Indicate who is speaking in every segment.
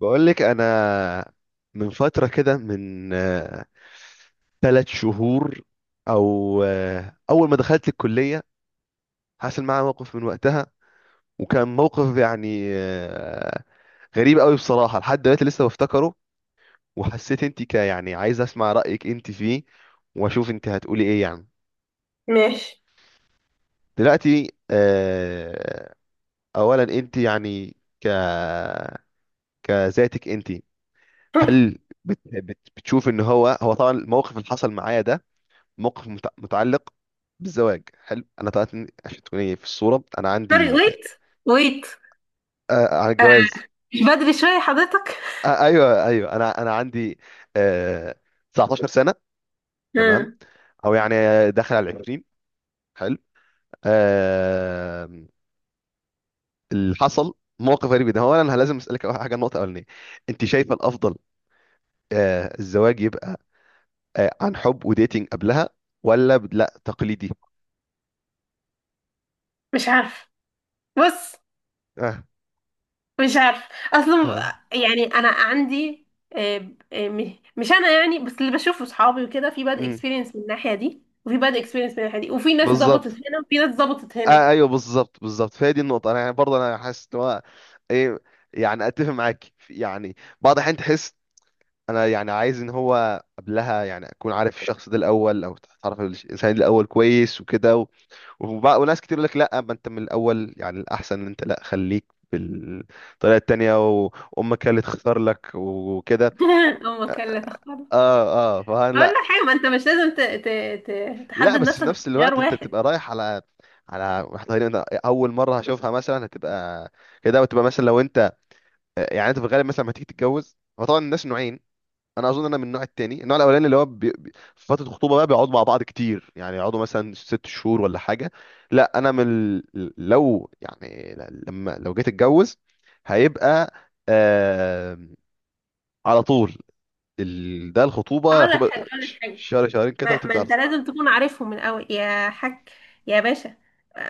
Speaker 1: بقول لك انا من فتره كده، من ثلاث شهور، او اول ما دخلت الكليه، حصل معايا موقف. من وقتها وكان موقف يعني غريب قوي بصراحه، لحد دلوقتي لسه بفتكره. وحسيت انت، يعني عايز اسمع رايك انت فيه، واشوف انت هتقولي ايه يعني.
Speaker 2: ماشي.
Speaker 1: دلوقتي اولا انت يعني ك كذاتك انت، هل بتشوف ان هو، طبعا الموقف اللي حصل معايا ده، موقف متعلق بالزواج. حلو. انا طلعت عشان تكوني في الصوره، انا
Speaker 2: سوري،
Speaker 1: عندي
Speaker 2: ويت ويت!
Speaker 1: على الجواز،
Speaker 2: مش بدري شوية حضرتك؟
Speaker 1: ايوه ايوه، انا عندي آه 19 سنه. تمام.
Speaker 2: مم.
Speaker 1: او يعني داخل على 20. حلو. آه اللي حصل موقف غريب جدا. هو انا، لازم اسالك أول حاجه، النقطه الاولانيه، انت شايفه الافضل الزواج يبقى عن حب وديتنج قبلها، ولا لا، تقليدي؟
Speaker 2: مش عارف. بص،
Speaker 1: اه
Speaker 2: مش عارف اصلا.
Speaker 1: اه،
Speaker 2: يعني انا عندي، آه، مش انا يعني، بس اللي بشوفه صحابي وكده، في باد
Speaker 1: امم،
Speaker 2: اكسبيرينس من الناحيه دي وفي باد اكسبيرينس من الناحيه دي، وفي ناس ظبطت
Speaker 1: بالظبط.
Speaker 2: هنا وفي ناس ظبطت هنا.
Speaker 1: ايوه، بالظبط بالظبط، فهي دي النقطه. انا يعني، برضه انا حاسس ان هو ايه، يعني اتفق معاك يعني بعض الاحيان تحس، انا يعني عايز ان هو قبلها يعني اكون عارف الشخص ده الاول، او تعرف الانسان ده الاول كويس وكده وناس كتير يقول لك لا، ما انت من الاول يعني الاحسن ان انت لا، خليك بالطريقه التانيه، وامك هي اللي تختار لك وكده.
Speaker 2: امك لا تختار!
Speaker 1: اه اه، فلا
Speaker 2: اقول لك
Speaker 1: لا.
Speaker 2: حاجه، ما انت مش لازم
Speaker 1: لا،
Speaker 2: تحدد
Speaker 1: بس في
Speaker 2: نفسك
Speaker 1: نفس
Speaker 2: باختيار
Speaker 1: الوقت انت
Speaker 2: واحد.
Speaker 1: بتبقى رايح على واحده، تقريباً اول مره هشوفها مثلا هتبقى كده، وتبقى مثلا لو انت، يعني انت في الغالب مثلا لما تيجي تتجوز، هو طبعا الناس نوعين. انا اظن انا من النوع التاني. النوع الاولاني اللي هو في فتره الخطوبه بقى بيقعدوا مع بعض كتير، يعني يقعدوا مثلا ست شهور ولا حاجه. لا انا من لو يعني لما لو جيت اتجوز، هيبقى آه... على طول. ده الخطوبه،
Speaker 2: اقول لك
Speaker 1: الخطوبه
Speaker 2: حاجه اقول لك حاجه
Speaker 1: شهر شهرين كده
Speaker 2: ما
Speaker 1: وتبدا على
Speaker 2: انت
Speaker 1: طول.
Speaker 2: لازم تكون عارفهم من الاول يا حاج، يا باشا.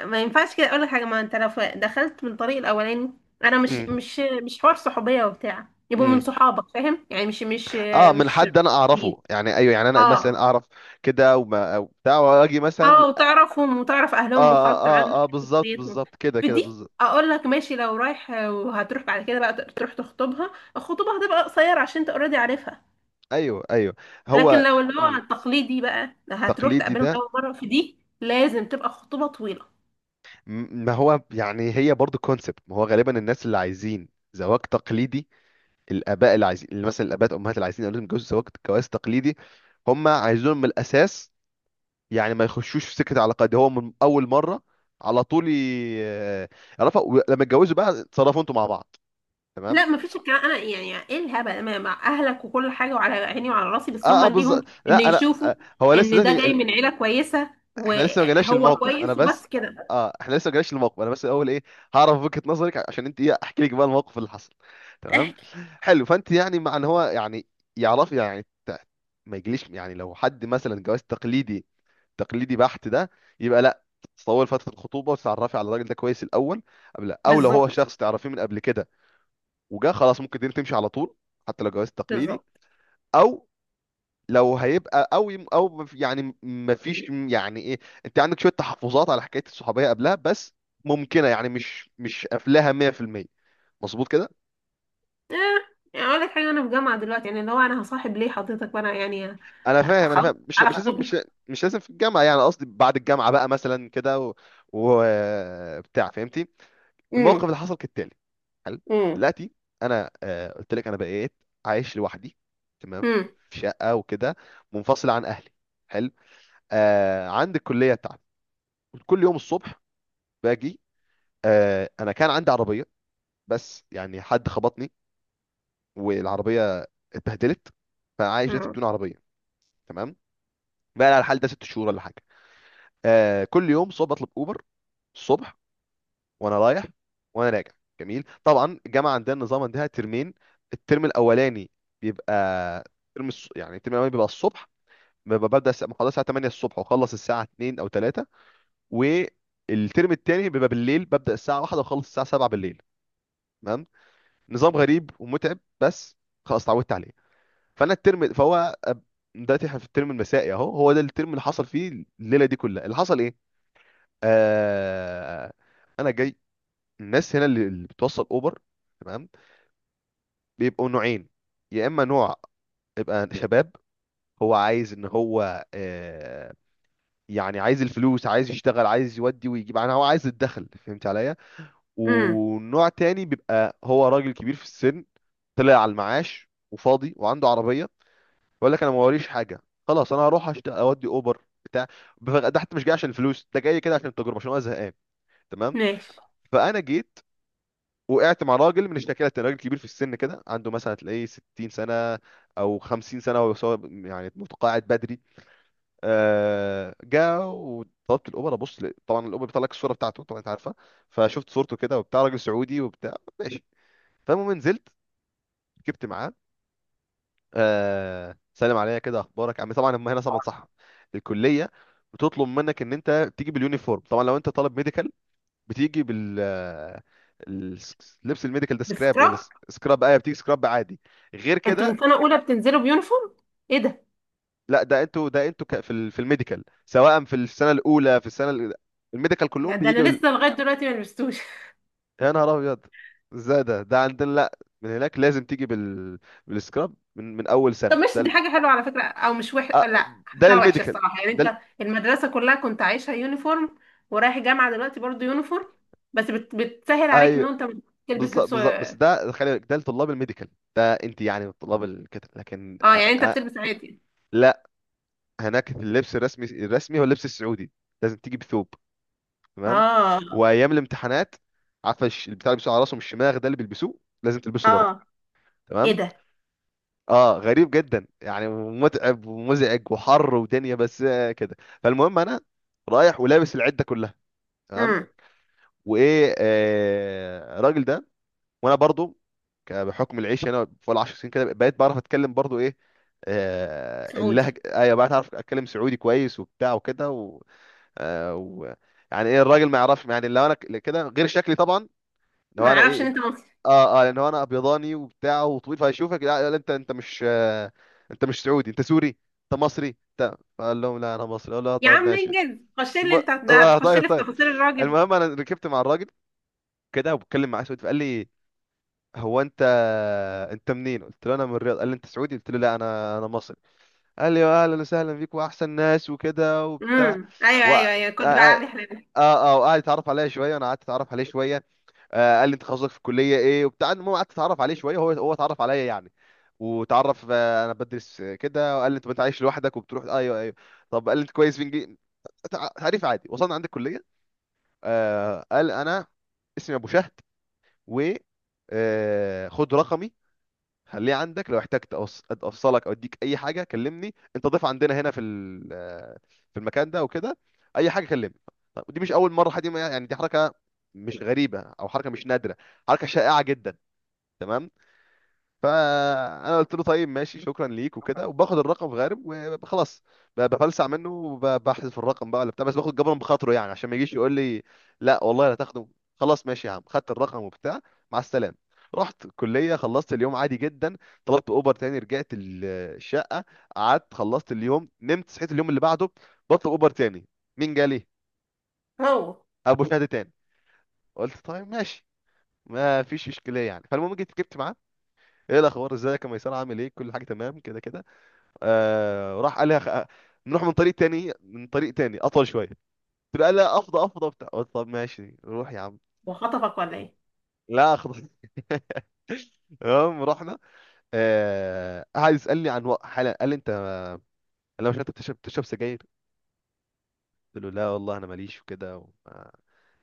Speaker 2: ما ينفعش كده. اقول لك حاجه، ما انت لو دخلت من الطريق الاولاني، انا مش
Speaker 1: امم
Speaker 2: مش مش حوار صحوبيه وبتاع، يبقوا من
Speaker 1: امم.
Speaker 2: صحابك، فاهم يعني؟ مش مش
Speaker 1: اه، من
Speaker 2: مش
Speaker 1: حد انا اعرفه يعني، ايوه يعني انا
Speaker 2: اه
Speaker 1: مثلا اعرف كده، وما أو بتاع، واجي مثلا.
Speaker 2: اه. وتعرفهم وتعرف
Speaker 1: اه
Speaker 2: اهلهم
Speaker 1: اه
Speaker 2: وخرجت معاهم
Speaker 1: اه،
Speaker 2: وشفت
Speaker 1: بالظبط
Speaker 2: شخصيتهم.
Speaker 1: بالظبط، كده
Speaker 2: في
Speaker 1: كده
Speaker 2: دي
Speaker 1: بالظبط.
Speaker 2: اقول لك ماشي، لو رايح وهتروح بعد كده بقى تروح تخطبها، الخطوبه هتبقى قصيره عشان انت اوريدي عارفها.
Speaker 1: ايوه ايوه،
Speaker 2: لكن
Speaker 1: هو
Speaker 2: لو اللي هو
Speaker 1: مم،
Speaker 2: التقليدي بقى، هتروح
Speaker 1: تقليدي
Speaker 2: تقابلهم
Speaker 1: ده.
Speaker 2: اول مره، في دي لازم تبقى خطوبه طويله.
Speaker 1: ما هو يعني هي برضو كونسبت، ما هو غالبا الناس اللي عايزين زواج تقليدي، الاباء اللي عايزين، اللي مثلا الاباء الامهات اللي عايزين اولادهم يتجوزوا زواج جواز تقليدي، هم عايزينهم من الاساس يعني ما يخشوش في سكه علاقات دي، هو من اول مره على طول يعرفها، ولما يتجوزوا بقى اتصرفوا انتوا مع بعض. تمام.
Speaker 2: لا، مفيش الكلام! انا يعني ايه الهبل؟ مع اهلك وكل حاجه وعلى عيني وعلى راسي، بس
Speaker 1: اه
Speaker 2: هم
Speaker 1: اه بالظبط.
Speaker 2: ليهم ان
Speaker 1: لا انا
Speaker 2: يشوفوا
Speaker 1: هو لسه
Speaker 2: ان ده جاي
Speaker 1: دلوقتي،
Speaker 2: من عيله كويسه
Speaker 1: احنا لسه ما جالناش
Speaker 2: وهو
Speaker 1: الموقف، انا
Speaker 2: كويس،
Speaker 1: بس.
Speaker 2: وبس كده.
Speaker 1: اه، احنا لسه ما جالناش الموقف، انا بس الاول ايه، هعرف وجهة نظرك، عشان انت ايه احكي لك بقى الموقف اللي حصل. تمام.
Speaker 2: احكي.
Speaker 1: حلو. فانت يعني مع ان هو يعني يعرف يعني ما يجليش يعني، لو حد مثلا جواز تقليدي، تقليدي بحت ده، يبقى لا، تطول فترة الخطوبة وتتعرفي على الراجل ده كويس الاول. قبل، او لو هو
Speaker 2: بالظبط،
Speaker 1: شخص تعرفيه من قبل كده وجا، خلاص ممكن الدنيا تمشي على طول، حتى لو جواز تقليدي.
Speaker 2: بالظبط.
Speaker 1: او لو هيبقى قوي، او يعني مفيش. يعني ايه، انت عندك شويه تحفظات على حكايه الصحوبيه قبلها، بس ممكنه، يعني مش قافلاها 100%. مظبوط كده؟
Speaker 2: اه. يعني اقول لك حاجه، انا في جامعه دلوقتي، يعني اللي هو انا هصاحب ليه حضرتك؟ وانا يعني
Speaker 1: انا فاهم، انا
Speaker 2: خلاص
Speaker 1: فاهم، مش
Speaker 2: على
Speaker 1: مش لازم،
Speaker 2: خطوبي.
Speaker 1: مش لازم في الجامعه، يعني قصدي بعد الجامعه بقى مثلا كده و... بتاع، فهمتي. الموقف
Speaker 2: امم.
Speaker 1: اللي حصل كالتالي. حلو.
Speaker 2: امم.
Speaker 1: دلوقتي انا قلت لك انا بقيت عايش لوحدي. تمام.
Speaker 2: امم.
Speaker 1: في شقه وكده، منفصل عن اهلي. حلو. عندي الكليه بتاعتي، كل يوم الصبح باجي. انا كان عندي عربيه، بس يعني حد خبطني والعربيه اتبهدلت، فعايش دلوقتي
Speaker 2: امم.
Speaker 1: بدون عربيه. تمام. بقى على الحال ده ست شهور ولا حاجه. كل يوم صبح بطلب اوبر، الصبح وانا رايح وانا راجع. جميل. طبعا الجامعه عندنا النظام عندها ترمين. الترم الاولاني بيبقى يعني الترم الاولاني بيبقى الصبح، ببدا محاضره الساعه 8 الصبح، واخلص الساعه 2 او 3. والترم الثاني بيبقى بالليل، ببدا الساعه 1 واخلص الساعه 7 بالليل. نظام غريب ومتعب، بس خلاص اتعودت عليه. فانا الترم فهو أب- دلوقتي احنا في الترم المسائي اهو، هو ده الترم اللي حصل فيه الليله دي كلها. اللي حصل ايه؟ آه... انا جاي. الناس هنا اللي بتوصل اوبر، تمام، بيبقوا نوعين. يا اما نوع يبقى شباب، هو عايز ان هو يعني عايز الفلوس، عايز يشتغل، عايز يودي ويجيب، يعني هو عايز الدخل، فهمت عليا.
Speaker 2: أمم.
Speaker 1: ونوع تاني بيبقى هو راجل كبير في السن، طلع على المعاش وفاضي وعنده عربية. بقول لك انا ما وريش حاجه، خلاص انا هروح اودي اوبر بتاع. ده حتى مش جاي عشان الفلوس، ده جاي كده عشان التجربه، عشان انا زهقان. تمام.
Speaker 2: ماشي.
Speaker 1: فانا جيت وقعت مع راجل من الشكاله، راجل كبير في السن كده، عنده مثلا تلاقيه 60 سنه او 50 سنه، وهو سواق يعني متقاعد بدري. جا وطلبت الاوبر، ابص طبعا الاوبر بيطلع لك الصوره بتاعته، طبعا انت عارفه. فشفت صورته كده وبتاع، راجل سعودي وبتاع. ماشي. فالمهم نزلت ركبت معاه، سلم عليا كده، اخبارك عم. طبعا هم هنا طبعا صح، الكليه بتطلب منك ان انت تيجي باليونيفورم. طبعا لو انت طالب ميديكال بتيجي لبس الميديكال ده سكراب، ولا
Speaker 2: بسكراب؟
Speaker 1: سكراب ايه، بتيجي سكراب عادي. غير
Speaker 2: انتوا
Speaker 1: كده؟
Speaker 2: من سنه اولى بتنزلوا بيونيفورم؟ ايه ده!
Speaker 1: لا ده انتوا، في الميديكال سواء في السنه الاولى، في السنه الميديكال كلهم
Speaker 2: يعني ده
Speaker 1: بيجي
Speaker 2: انا لسه لغايه دلوقتي ما لبستوش.
Speaker 1: يا نهار ابيض، ازاي ده؟ عندنا لا، من هناك لازم تيجي بالسكراب من اول
Speaker 2: طب
Speaker 1: سنه،
Speaker 2: ماشي، دي حاجة حلوة على فكرة، أو مش
Speaker 1: آه،
Speaker 2: لا،
Speaker 1: ده
Speaker 2: حتى وحشة
Speaker 1: للميديكال.
Speaker 2: الصراحة. يعني
Speaker 1: ده ال...
Speaker 2: أنت المدرسة كلها كنت عايشها يونيفورم، ورايح جامعة دلوقتي برضو يونيفورم، بس بتسهل عليك إن
Speaker 1: أيوه.
Speaker 2: أنت بتلبس
Speaker 1: بالظبط
Speaker 2: لبس.
Speaker 1: بالظبط، بس
Speaker 2: اه.
Speaker 1: ده خلي بالك، ده لطلاب الميديكال. ده انت يعني من طلاب الكتب، لكن
Speaker 2: يعني أنت
Speaker 1: أ...
Speaker 2: بتلبس عادي؟
Speaker 1: لا. هناك اللبس الرسمي، هو اللبس السعودي، لازم تيجي بثوب. تمام.
Speaker 2: اه
Speaker 1: وايام الامتحانات، عارفه البتاع اللي بيلبسوه على راسهم، الشماغ ده اللي بيلبسوه لازم تلبسه برضه.
Speaker 2: اه. إيه
Speaker 1: تمام.
Speaker 2: ده!
Speaker 1: اه، غريب جدا يعني، متعب ومزعج وحر ودنيا، بس كده. فالمهم انا رايح ولابس العده كلها. تمام.
Speaker 2: امم.
Speaker 1: وايه، الراجل ده، وانا برضو بحكم العيش هنا فوق العشر سنين كده، بقيت بعرف اتكلم برضو ايه،
Speaker 2: سعودي؟
Speaker 1: اللهجه، ايوه بقيت اعرف اتكلم سعودي كويس وبتاع وكده آه و... يعني ايه الراجل ما يعرفش يعني، لو انا كده غير شكلي طبعا،
Speaker 2: ما
Speaker 1: لو انا
Speaker 2: أعرفش إن
Speaker 1: ايه،
Speaker 2: أنت مصري.
Speaker 1: اه اه، لان هو انا ابيضاني وبتاع وطويل، فهيشوفك لا, لا، انت مش انت مش سعودي، انت سوري، انت مصري انت. فقال لهم لا انا مصري، اقول له
Speaker 2: يا
Speaker 1: طيب
Speaker 2: عم
Speaker 1: ماشي.
Speaker 2: انجز، خش لي!
Speaker 1: الم...
Speaker 2: أنت ده
Speaker 1: اه
Speaker 2: هتخش
Speaker 1: طيب
Speaker 2: لي في
Speaker 1: طيب.
Speaker 2: تفاصيل الراجل!
Speaker 1: المهم انا ركبت مع الراجل كده، وبتكلم معاه سعودي، فقال لي هو انت، انت منين؟ قلت له انا من الرياض. قال لي انت سعودي؟ قلت له لا، انا مصري. قال لي اهلا وسهلا بيك واحسن ناس، وكده وبتاع
Speaker 2: امم. أيوه
Speaker 1: اه
Speaker 2: أيوه أيوه، كنت بقى علي حلال.
Speaker 1: اه اه، وقعد يتعرف عليا شويه، وانا قعدت اتعرف عليه شويه. قال لي انت تخصصك في الكليه ايه وبتاع. المهم قعدت اتعرف عليه شويه، هو اتعرف عليا يعني، وتعرف انا بدرس كده. وقال لي انت عايش لوحدك وبتروح، ايوه ايوه. طب قال لي انت كويس في انجليزي. تعريف عادي. وصلنا عند الكليه، قال انا اسمي ابو شهد، و آه، خد رقمي، خليه عندك، لو احتجت افصلك او اديك اي حاجه كلمني، انت ضيف عندنا هنا في المكان ده وكده، اي حاجه كلمني. طب دي مش اول مره حد يعني، دي حركه مش غريبه او حركه مش نادره، حركه شائعه جدا. تمام. فانا قلت له طيب ماشي، شكرا ليك وكده، وباخد الرقم في غارب وخلاص. بفلسع منه وبحذف الرقم بقى ولا بتاع، بس باخد جبرا بخاطره يعني، عشان ما يجيش يقول لي لا والله لا تاخده. خلاص ماشي يا عم، خدت الرقم وبتاع، مع السلامه. رحت الكليه، خلصت اليوم عادي جدا. طلبت اوبر تاني، رجعت الشقه، قعدت خلصت اليوم، نمت. صحيت اليوم اللي بعده، بطلب اوبر تاني، مين جالي؟
Speaker 2: هو
Speaker 1: ابو شهد تاني. قلت طيب ماشي، ما فيش اشكاليه يعني. فالمهم جيت ركبت معاه، ايه الاخبار ازيك يا ميسان، عامل ايه، كل حاجه تمام كده كده. راح قال لي نروح من طريق تاني، من طريق تاني اطول شويه. قلت له، قال لا افضى افضى بتاع. قلت طب ماشي روح يا عم.
Speaker 2: وخطفك ولا إيه؟
Speaker 1: لا اخضر. المهم رحنا. قعد يسالني عن حاله، قال لي انت، لو مش انت، بتشرب سجاير؟ قلت له لا والله انا ماليش وكده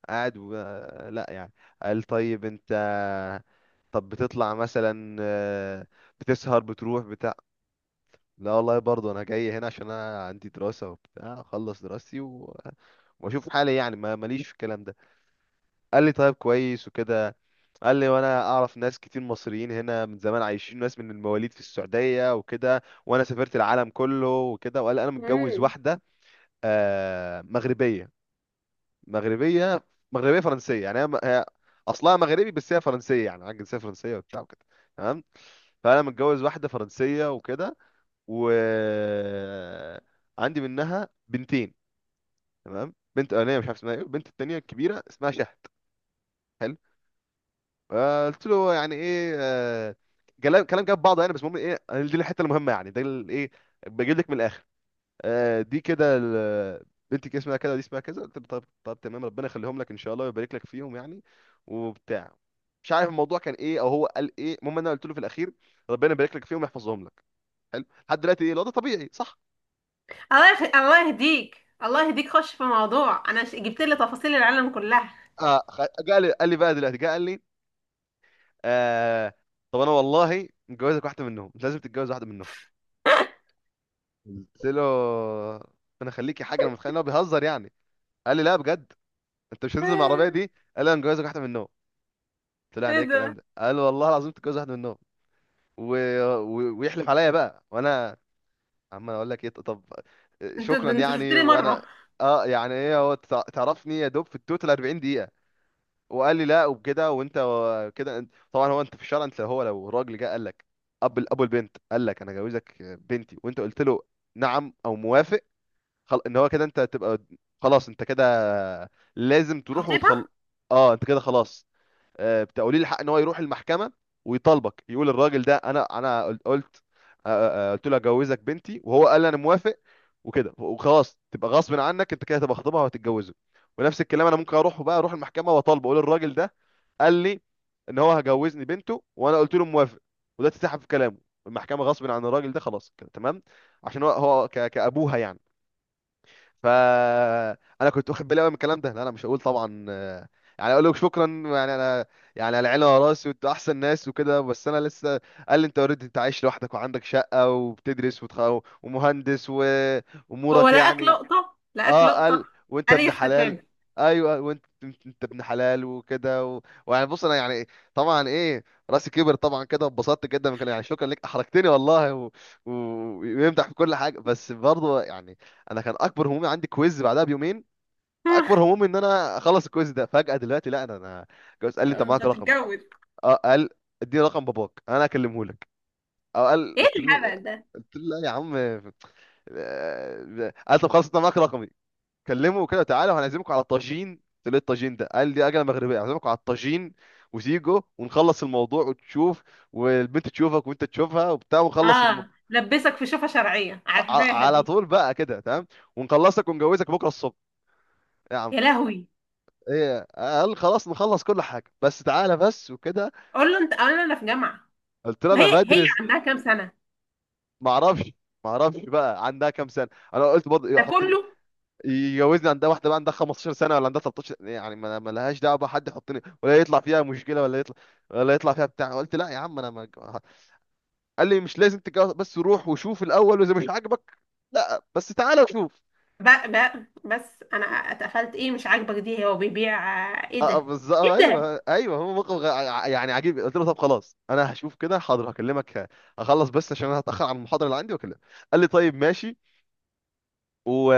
Speaker 1: قاعد لا، يعني قال طيب انت، طب بتطلع مثلا بتسهر بتروح بتاع. لا والله، برضه انا جاي هنا عشان انا عندي دراسة وبتاع، اخلص دراستي واشوف حالي. يعني ما ماليش في الكلام ده. قال لي طيب، كويس وكده. قال لي وانا اعرف ناس كتير مصريين هنا من زمان، عايشين ناس من المواليد في السعودية وكده، وانا سافرت العالم كله وكده. وقال لي انا متجوز
Speaker 2: مم.
Speaker 1: واحدة مغربية، مغربية، مغربية فرنسية، يعني هي هي اصلها مغربي بس هي فرنسية، يعني عندها جنسية فرنسية وبتاع وكده. تمام. فانا متجوز واحدة فرنسية وكده، وعندي منها بنتين. تمام، بنت اولانيه مش عارف اسمها ايه، البنت التانية الكبيرة اسمها شهد. حلو. قلت له يعني ايه. كلام كلام جاب بعضه يعني. بس المهم ايه، دي الحته المهمه يعني، ايه، بجيب لك من الاخر. آه، دي كده ال- بنتك اسمها كده، دي اسمها كذا. قلت له طب تمام، ربنا يخليهم لك ان شاء الله، ويبارك لك فيهم يعني وبتاع. مش عارف الموضوع كان ايه او هو قال ايه، المهم انا قلت له في الاخير ربنا يبارك لك فيهم ويحفظهم لك. حلو. لحد دلوقتي ايه الوضع؟ طبيعي صح.
Speaker 2: الله الله يهديك، الله يهديك، خش في موضوع. انا جبت لي تفاصيل العالم كلها!
Speaker 1: جه لي قال لي بقى دلوقتي، جه قال لي آه، طب انا والله متجوزك واحده منهم، مش لازم تتجوز واحده منهم. قلت له انا خليكي حاجه، انا متخيل ان هو بيهزر يعني. قال لي لا، بجد انت مش هتنزل مع العربيه
Speaker 2: آه،
Speaker 1: دي. قال لي انا مجوزك واحده من النوم. قلت له يعني
Speaker 2: ايه
Speaker 1: ايه الكلام
Speaker 2: ده؟
Speaker 1: ده؟ قال والله العظيم تتجوز واحده من النوم. و... ويحلف عليا بقى، وانا عمال اقول لك ايه طب
Speaker 2: انت
Speaker 1: شكرا
Speaker 2: ده انت شفت
Speaker 1: يعني.
Speaker 2: لي
Speaker 1: وانا
Speaker 2: مره.
Speaker 1: اه يعني ايه، هو تعرفني يا دوب في التوتال 40 دقيقه، وقال لي لا وبكده، وانت كده طبعا هو انت في الشارع، انت هو لو راجل جه قال لك، ابو البنت قال لك انا جوزك بنتي وانت قلت له نعم او موافق، ان هو كده انت تبقى، خلاص انت كده لازم تروح
Speaker 2: خطيبها!
Speaker 1: وتخل. اه انت كده خلاص. آه بتقولي الحق ان هو يروح المحكمه ويطالبك، يقول الراجل ده قلت آه، قلت له اجوزك بنتي وهو قال انا موافق وكده وخلاص، تبقى غصب عنك، انت كده تبقى خطيبها وهتتجوزه. ونفس الكلام انا ممكن اروح بقى، اروح المحكمه واطالبه، اقول الراجل ده قال لي ان هو هجوزني بنته وانا قلت له موافق، وده اتسحب في كلامه. المحكمه غصب عن الراجل ده، خلاص كده تمام. عشان هو كابوها يعني. فانا كنت واخد بالي قوي من الكلام ده، لا انا مش هقول طبعا يعني اقول لك شكرا يعني، انا يعني على عيني وعلى راسي وانتوا احسن ناس وكده، بس انا لسه. قال لي انت اوريدي، انت عايش لوحدك وعندك شقه وبتدرس ومهندس
Speaker 2: هو
Speaker 1: وامورك
Speaker 2: لقاك
Speaker 1: يعني.
Speaker 2: لقطه، لقاك
Speaker 1: اه
Speaker 2: لقطه.
Speaker 1: قال وانت
Speaker 2: قال لي
Speaker 1: ابن حلال.
Speaker 2: استفاد.
Speaker 1: ايوه، وانت انت ابن حلال وكده و... ويعني بص انا يعني طبعا ايه، راسي كبر طبعا كده، واتبسطت جدا من كان، يعني شكرا ليك، احرجتني والله و... ويمدح في كل حاجه. بس برضه يعني انا كان اكبر همومي عندي كويز بعدها بيومين، اكبر همومي ان انا اخلص الكويز ده، فجاه دلوقتي لا، انا جوز. قال لي انت
Speaker 2: انت
Speaker 1: معاك رقم؟
Speaker 2: تتجوز؟
Speaker 1: اه قال اديني رقم باباك انا اكلمه لك. اه قال،
Speaker 2: ايه
Speaker 1: قلت له،
Speaker 2: الهبل ده!
Speaker 1: قلت له لا يا عم. قال طب خلاص انت معاك رقمي، كلمه كده تعالى وهنعزمكم على طاجين. قلت له إيه الطاجين ده؟ قال لي اكله مغربيه، هعزمكم على الطاجين وزيجو، ونخلص الموضوع وتشوف، والبنت تشوفك وانت تشوفها وبتاع ونخلص
Speaker 2: اه، لبسك في شوفه شرعيه، عارفاها
Speaker 1: على
Speaker 2: دي؟
Speaker 1: طول بقى كده تمام، ونخلصك ونجوزك بكره الصبح يا عم.
Speaker 2: يا لهوي!
Speaker 1: ايه، قال خلاص نخلص كل حاجه، بس تعالى بس وكده.
Speaker 2: قول له انت، قول له انا في جامعه.
Speaker 1: قلت له انا
Speaker 2: وهي هي
Speaker 1: بدرس.
Speaker 2: عندها كام سنه؟
Speaker 1: ما اعرفش، ما اعرفش بقى عندها كام سنه، انا قلت برضه
Speaker 2: ده
Speaker 1: يحطني
Speaker 2: كله؟
Speaker 1: يجوزني، عندها واحده بقى عندها 15 سنه ولا عندها 13، يعني ما لهاش دعوه بقى، حد يحطني ولا يطلع فيها مشكله، ولا يطلع، ولا يطلع فيها بتاع. قلت لا يا عم انا ما. قال لي مش لازم تتجوز، بس روح وشوف الاول، واذا مش عاجبك، لا بس تعالى وشوف.
Speaker 2: بقى، بقى، بس انا اتقفلت. ايه مش عاجبك؟ دي هو بيبيع! ايه ده؟
Speaker 1: اه بالظبط،
Speaker 2: ايه ده؟
Speaker 1: ايوه ايوه، هو موقف يعني عجيب. قلت له طب خلاص انا هشوف كده، حاضر هكلمك، اخلص بس عشان انا هتاخر على المحاضره اللي عندي واكلمك. قال لي طيب ماشي، و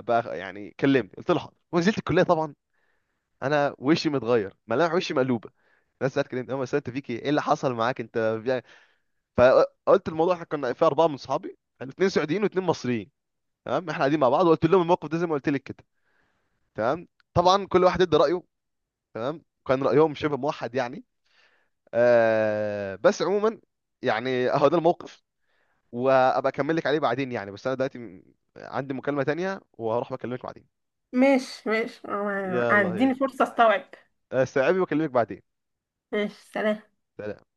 Speaker 1: بقى يعني كلمني. قلت له حاضر، ونزلت الكليه طبعا انا وشي متغير ملامح، وشي مقلوبه. ناس سالت كده، هم سالت فيك ايه، إيه اللي حصل معاك انت؟ بيع- فقلت الموضوع، احنا كنا في اربعه من اصحابي، اثنين سعوديين واثنين مصريين. تمام، احنا قاعدين مع بعض، وقلت لهم الموقف ده زي ما قلت لك كده. تمام، طبعا كل واحد ادى رايه. تمام، كان رايهم شبه موحد يعني آه. بس عموما يعني اهو ده الموقف، وابقى اكمل لك عليه بعدين يعني. بس انا دلوقتي عندي مكالمه تانية، وهروح بكلمك بعدين.
Speaker 2: ماشي ماشي،
Speaker 1: يلا
Speaker 2: اديني
Speaker 1: هي
Speaker 2: فرصة استوعب.
Speaker 1: استوعبي واكلمك بعدين.
Speaker 2: ماشي. سلام.
Speaker 1: سلام.